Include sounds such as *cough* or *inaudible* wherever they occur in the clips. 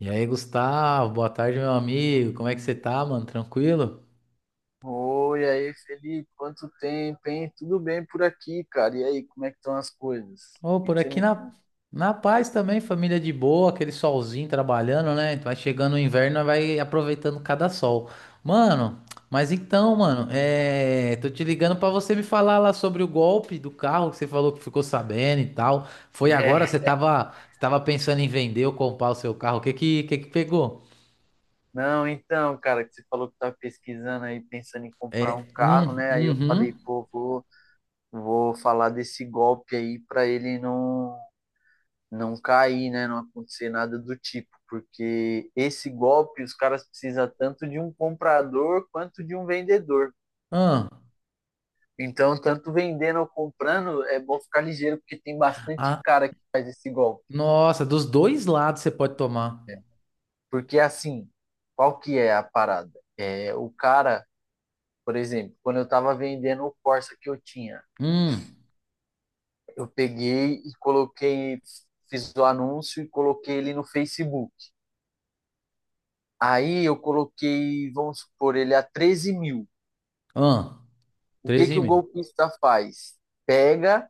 E aí, Gustavo, boa tarde, meu amigo. Como é que você tá, mano? Tranquilo? Oi, aí, Felipe, quanto tempo, hein? Tudo bem por aqui, cara? E aí, como é que estão as coisas? Ô, O que por que você aqui me na, conta? na paz também, família de boa, aquele solzinho trabalhando, né? Vai chegando o inverno, nós vai aproveitando cada sol. Mano, mas então, mano, tô te ligando pra você me falar lá sobre o golpe do carro que você falou que ficou sabendo e tal. Foi agora? Você É, tava, você tava pensando em vender ou comprar o seu carro? O que que pegou? não, então, cara, que você falou que tá pesquisando aí, pensando em comprar um É, carro, né? Aí eu uhum. falei, pô, vou falar desse golpe aí pra ele não cair, né? Não acontecer nada do tipo, porque esse golpe os caras precisam tanto de um comprador quanto de um vendedor. Então, tanto vendendo ou comprando, é bom ficar ligeiro, porque tem bastante Ah, cara que faz esse golpe. nossa, dos dois lados você pode tomar. Porque, assim, qual que é a parada? O cara, por exemplo, quando eu estava vendendo o Corsa que eu tinha, Hum, eu peguei e coloquei, fiz o anúncio e coloquei ele no Facebook. Aí eu coloquei, vamos supor, ele a 13 mil. ah, O que treze que e o meio. golpista faz? Pega,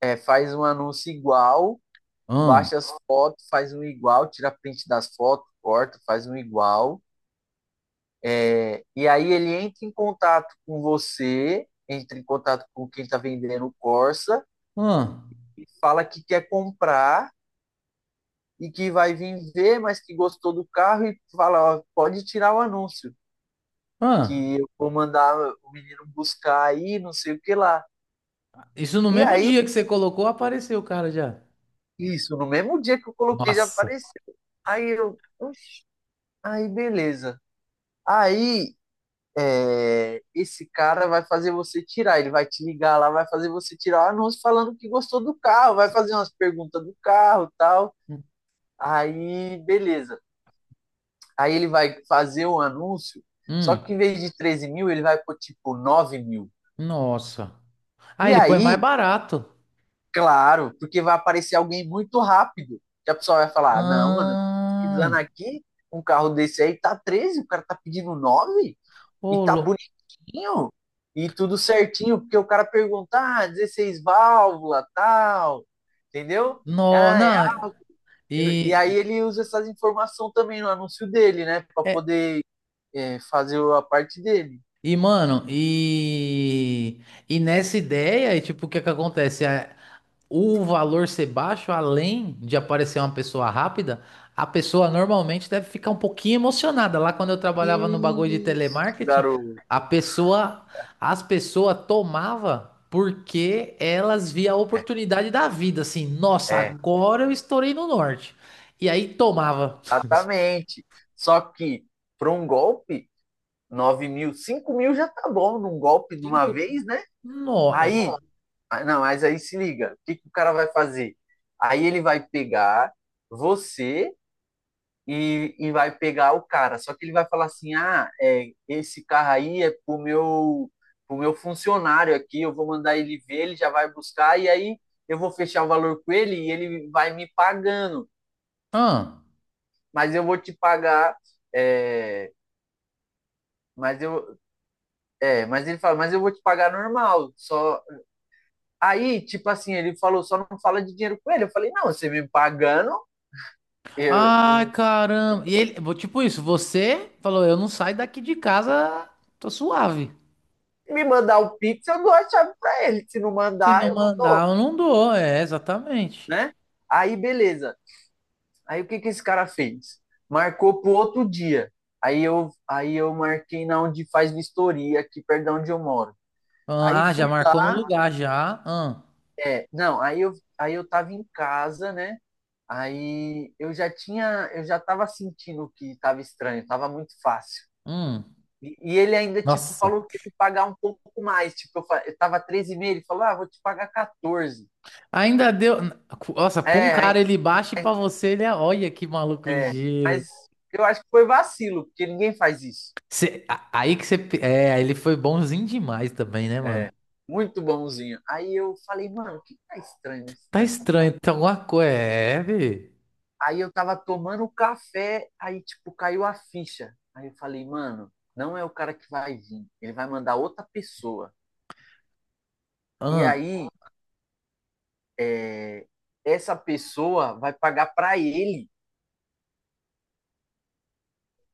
faz um anúncio igual, Ah, baixa as fotos, faz um igual, tira print das fotos, corta, faz um igual. E aí ele entra em contato com você, entra em contato com quem está vendendo o Corsa, ah, e fala que quer comprar e que vai vir ver, mas que gostou do carro e fala, ó, pode tirar o anúncio, ah. que eu vou mandar o menino buscar aí, não sei o que lá. Isso no E mesmo aí, dia que você colocou, apareceu o cara já. isso, no mesmo dia que eu coloquei já Nossa. apareceu. Aí eu, oxi, aí beleza. Aí esse cara vai fazer você tirar, ele vai te ligar lá, vai fazer você tirar o anúncio falando que gostou do carro, vai fazer umas perguntas do carro e tal. Aí, beleza. Aí ele vai fazer um anúncio, só Hum, que em vez de 13 mil, ele vai por tipo 9 mil. nossa. Ah, E ele põe aí, mais barato. claro, porque vai aparecer alguém muito rápido, que a pessoa vai falar: "Ah, não, mano, eu tô pesquisando Ah, aqui, um carro desse aí tá 13, o cara tá pedindo 9, e ô, tá bonitinho e tudo certinho." Porque o cara pergunta, ah, 16 válvula, tal, entendeu? no, Ah, é. não. E E, aí e, ele usa essas informações também no anúncio dele, né? Pra é- poder, fazer a parte dele. e, mano, e nessa ideia, e tipo, o que é que acontece? O valor ser baixo, além de aparecer uma pessoa rápida, a pessoa normalmente deve ficar um pouquinho emocionada. Lá quando eu trabalhava no bagulho de Isso, telemarketing, a garoto. pessoa, as pessoas tomava porque elas via a É, oportunidade da vida, assim, nossa, é, agora eu estourei no norte. E aí tomava exatamente. Só que para um golpe, 9 mil, 5 mil já tá bom num golpe de uma cinco. vez, né? No... Aí, ah, não, mas aí se liga, o que que o cara vai fazer? Aí ele vai pegar você e vai pegar o cara. Só que ele vai falar assim: ah, é, esse carro aí é pro meu funcionário aqui, eu vou mandar ele ver, ele já vai buscar, e aí eu vou fechar o valor com ele e ele vai me pagando. Ah. Mas eu vou te pagar. é, mas eu. É, mas ele fala, mas eu vou te pagar normal. Só. Aí, tipo assim, ele falou, só não fala de dinheiro com ele. Eu falei, não, você me pagando. Eu, Ai, caramba. E ele, tipo isso, você falou, eu não saio daqui de casa, tô suave. Me mandar o Pix, eu dou a chave pra ele. Se não Se mandar, não eu não. mandar, eu não dou, é, exatamente. Né? Aí, beleza. Aí o que que esse cara fez? Marcou pro outro dia. Aí eu marquei na onde faz vistoria, aqui perto de onde eu moro. Aí Ah, fui já marcou no lá, lugar, já. Ah, não, aí eu tava em casa, né? Aí eu já tava sentindo que tava estranho, tava muito fácil. hum. E ele ainda, tipo, Nossa. falou que ia me pagar um pouco mais. Tipo, eu tava 13 e meio, ele falou, ah, vou te pagar 14. Ainda deu. Nossa, pra um É, aí, cara ele baixa e pra você ele é. Olha que maluco É, ligeiro. mas eu acho que foi vacilo, porque ninguém faz isso. Aí que você. É, aí ele foi bonzinho demais também, né, mano? É, muito bonzinho. Aí eu falei, mano, o que tá estranho nesse- Tá nessa parte? estranho, tem alguma coisa. É, vê. Aí eu tava tomando um café, aí, tipo, caiu a ficha. Aí eu falei, mano, não é o cara que vai vir, ele vai mandar outra pessoa. E Ah. aí, é, essa pessoa vai pagar pra ele,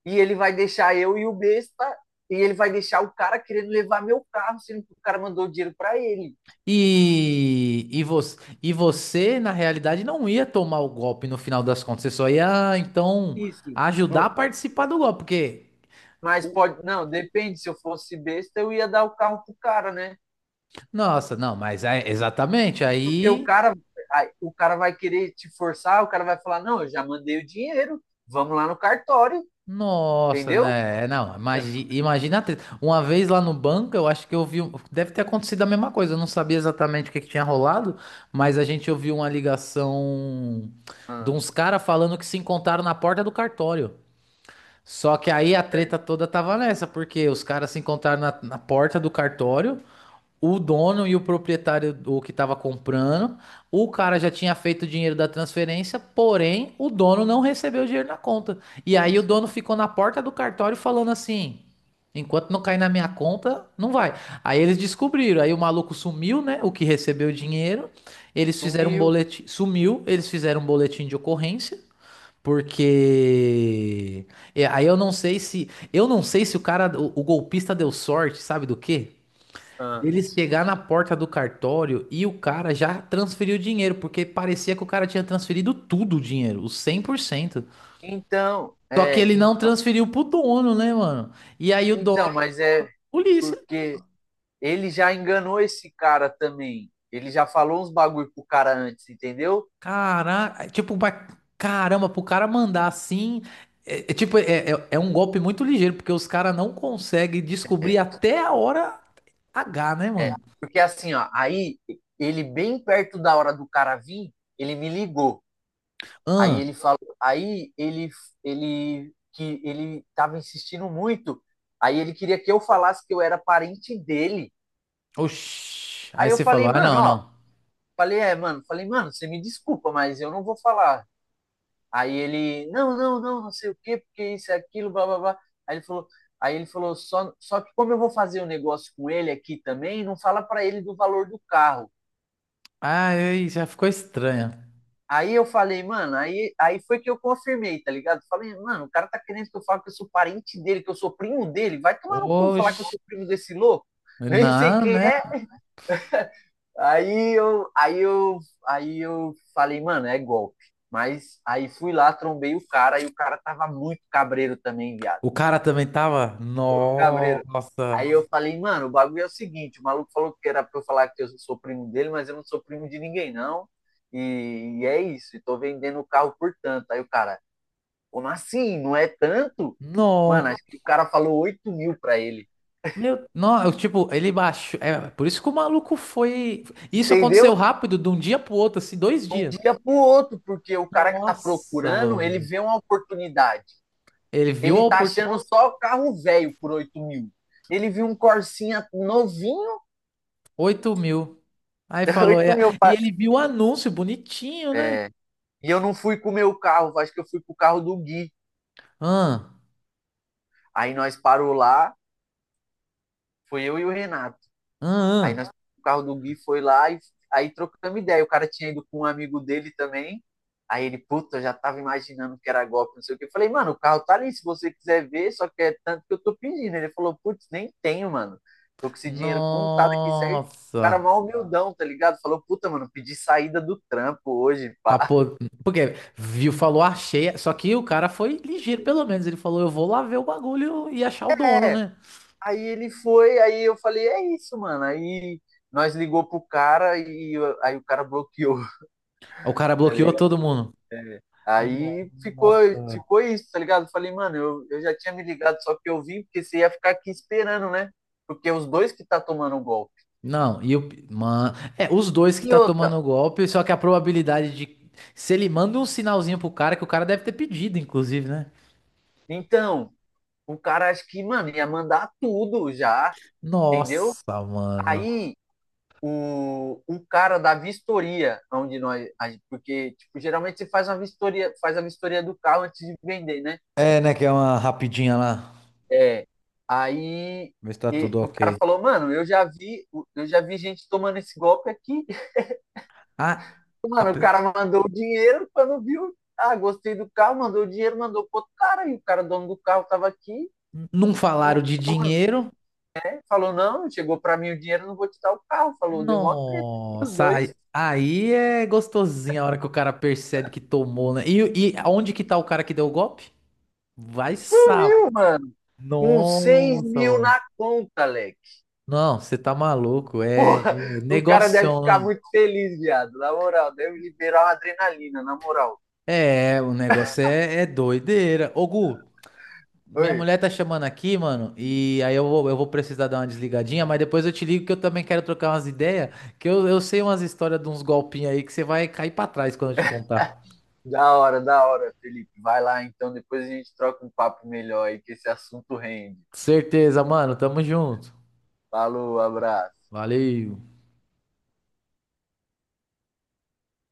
e ele vai deixar eu e o besta, e ele vai deixar o cara querendo levar meu carro, sendo que o cara mandou dinheiro pra ele. E você, na realidade, não ia tomar o golpe no final das contas. Você só ia, então, Isso. ajudar a No- participar do golpe, porque. Mas pode. Não, depende. Se eu fosse besta, eu ia dar o carro pro cara, né? Nossa, não, mas é exatamente Porque o aí. cara, ai, o cara vai querer te forçar, o cara vai falar, não, eu já mandei o dinheiro, vamos lá no cartório, Nossa, entendeu? né? Não, imagina, a treta. Uma vez lá no banco, eu acho que eu vi, deve ter acontecido a mesma coisa. Eu não sabia exatamente o que que tinha rolado, mas a gente ouviu uma ligação de Ah, uns caras falando que se encontraram na porta do cartório. Só que aí a treta certo, toda tava nessa, porque os caras se encontraram na porta do cartório. O dono e o proprietário o que estava comprando, o cara já tinha feito o dinheiro da transferência, porém o dono não recebeu o dinheiro na conta. E aí o isso. dono ficou na porta do cartório falando assim: enquanto não cair na minha conta, não vai. Aí eles descobriram, aí o maluco sumiu, né? O que recebeu o dinheiro, eles fizeram um Sumiu. boletim, sumiu, eles fizeram um boletim de ocorrência. Porque aí eu não sei se o cara, o golpista deu sorte, sabe do quê? Ah. Ele chegar na porta do cartório e o cara já transferiu o dinheiro, porque parecia que o cara tinha transferido tudo o dinheiro, os 100%. Então, Só que ele é, en- não transferiu pro dono, né, mano? E aí o então, dono, mas é polícia. porque ele já enganou esse cara também. Ele já falou uns bagulho pro cara antes, entendeu? Caraca, tipo, caramba, pro cara mandar assim. É, tipo, é um golpe muito ligeiro, porque os caras não conseguem descobrir até a hora H, né, É, mano? porque assim, ó, aí ele bem perto da hora do cara vir, ele me ligou. Aí Ah, ele falou, aí ele que ele tava insistindo muito. Aí ele queria que eu falasse que eu era parente dele. oxi. Aí Aí eu você falei, falou, ah, mano, não, ó, não. falei, mano, falei, mano, você me desculpa, mas eu não vou falar. Aí ele, não, não, não, não sei o quê, porque isso é aquilo, blá blá blá. Aí ele falou, aí ele falou só que como eu vou fazer o um negócio com ele aqui também, não fala para ele do valor do carro. Ah, aí já ficou estranho. Aí eu falei, mano, aí foi que eu confirmei, tá ligado? Falei, mano, o cara tá querendo que eu fale que eu sou parente dele, que eu sou primo dele. Vai tomar no cu falar que eu Oxi. sou primo desse louco. *laughs* Nem sei Não, quem né? é. Aí eu, aí eu, aí eu falei, mano, é golpe. Mas aí fui lá, trombei o cara, e o cara tava muito cabreiro também, viado. O cara também tava. Cabreiro. Nossa. Aí eu falei, mano, o bagulho é o seguinte, o maluco falou que era pra eu falar que eu sou primo dele, mas eu não sou primo de ninguém, não. E é isso, e tô vendendo o carro por tanto. Aí o cara, como assim? Não é tanto? Mano, No. acho que o cara falou 8 mil pra ele. Meu, não, eu, tipo, ele baixou. É, por isso que o maluco foi. Isso Entendeu? aconteceu De rápido, de um dia pro outro, assim, dois um dias. dia pro outro, porque o cara que tá Nossa, procurando, ele mano. vê uma oportunidade. Ele viu Ele a tá oportunidade. achando só carro velho por 8 mil. Ele viu um Corsinha novinho, 8 mil. Aí *laughs* falou, oito é. mil. E ele viu o anúncio bonitinho, né? E eu não fui com o meu carro, acho que eu fui com o carro do Gui. Ah, Aí nós parou lá, foi eu e o Renato. ah, Aí ah. nós, o carro do Gui foi lá e aí trocamos ideia. O cara tinha ido com um amigo dele também. Aí ele, puta, eu já tava imaginando que era golpe, não sei o que. Eu falei, mano, o carro tá ali, se você quiser ver, só que é tanto que eu tô pedindo. Ele falou, putz, nem tenho, mano. Tô com esse dinheiro contado aqui certo. O cara Nossa. mal humildão, tá ligado? Falou, puta, mano, pedi saída do trampo hoje, Pra pá. *laughs* po- Porque viu, falou, achei. Só que o cara foi ligeiro, pelo menos. Ele falou, eu vou lá ver o bagulho e achar o dono, É, né? aí ele foi, aí eu falei, é isso, mano. Aí nós ligou pro cara aí o cara bloqueou, *laughs* O cara tá bloqueou ligado? todo mundo. É. No- Aí ficou, Nossa. ficou isso, tá ligado? Eu falei, mano, eu já tinha me ligado, só que eu vim, porque você ia ficar aqui esperando, né? Porque os dois que tá tomando o golpe. Não, e o. Mano. É, os dois que E tá outra, tomando o golpe, só que a probabilidade de. Se ele manda um sinalzinho pro cara, que o cara deve ter pedido, inclusive, né? então, o cara acho que, mano, ia mandar tudo já, entendeu? Nossa, mano. Aí o cara da vistoria, onde nós. Porque, tipo, geralmente você faz uma vistoria, faz a vistoria do carro antes de vender, né? É, né? Que é uma rapidinha lá. É. Aí Ver se tá tudo e o ok. cara falou, mano, eu já vi gente tomando esse golpe aqui. Ah, a Mano, o pe- cara mandou o dinheiro, quando viu, ah, gostei do carro, mandou o dinheiro, mandou pro outro cara, e o cara, dono do carro, tava aqui, não não, falaram de mano, dinheiro. né? Falou, não, chegou pra mim o dinheiro, não vou te dar o carro, falou, deu mó treta, aqui, os Nossa, aí, dois, aí é gostosinho a hora que o cara percebe que tomou, né? E onde que tá o cara que deu o golpe? e Vai saber. sumiu, mano, com 6 Nossa, mil mano. na conta, Leque. Não, você tá maluco. É, Porra, é o cara deve negocião, ficar né? muito feliz, viado, na moral, deve liberar uma adrenalina, na moral. É, o negócio é doideira. Ô, Gu, minha Oi. mulher tá chamando aqui, mano. E aí eu vou, precisar dar uma desligadinha, mas depois eu te ligo que eu também quero trocar umas ideias. Que eu sei umas histórias de uns golpinhos aí que você vai cair pra trás quando eu te contar. Da hora, Felipe. Vai lá então, depois a gente troca um papo melhor aí, que esse assunto rende. Certeza, mano. Tamo junto. Falou, abraço. Valeu.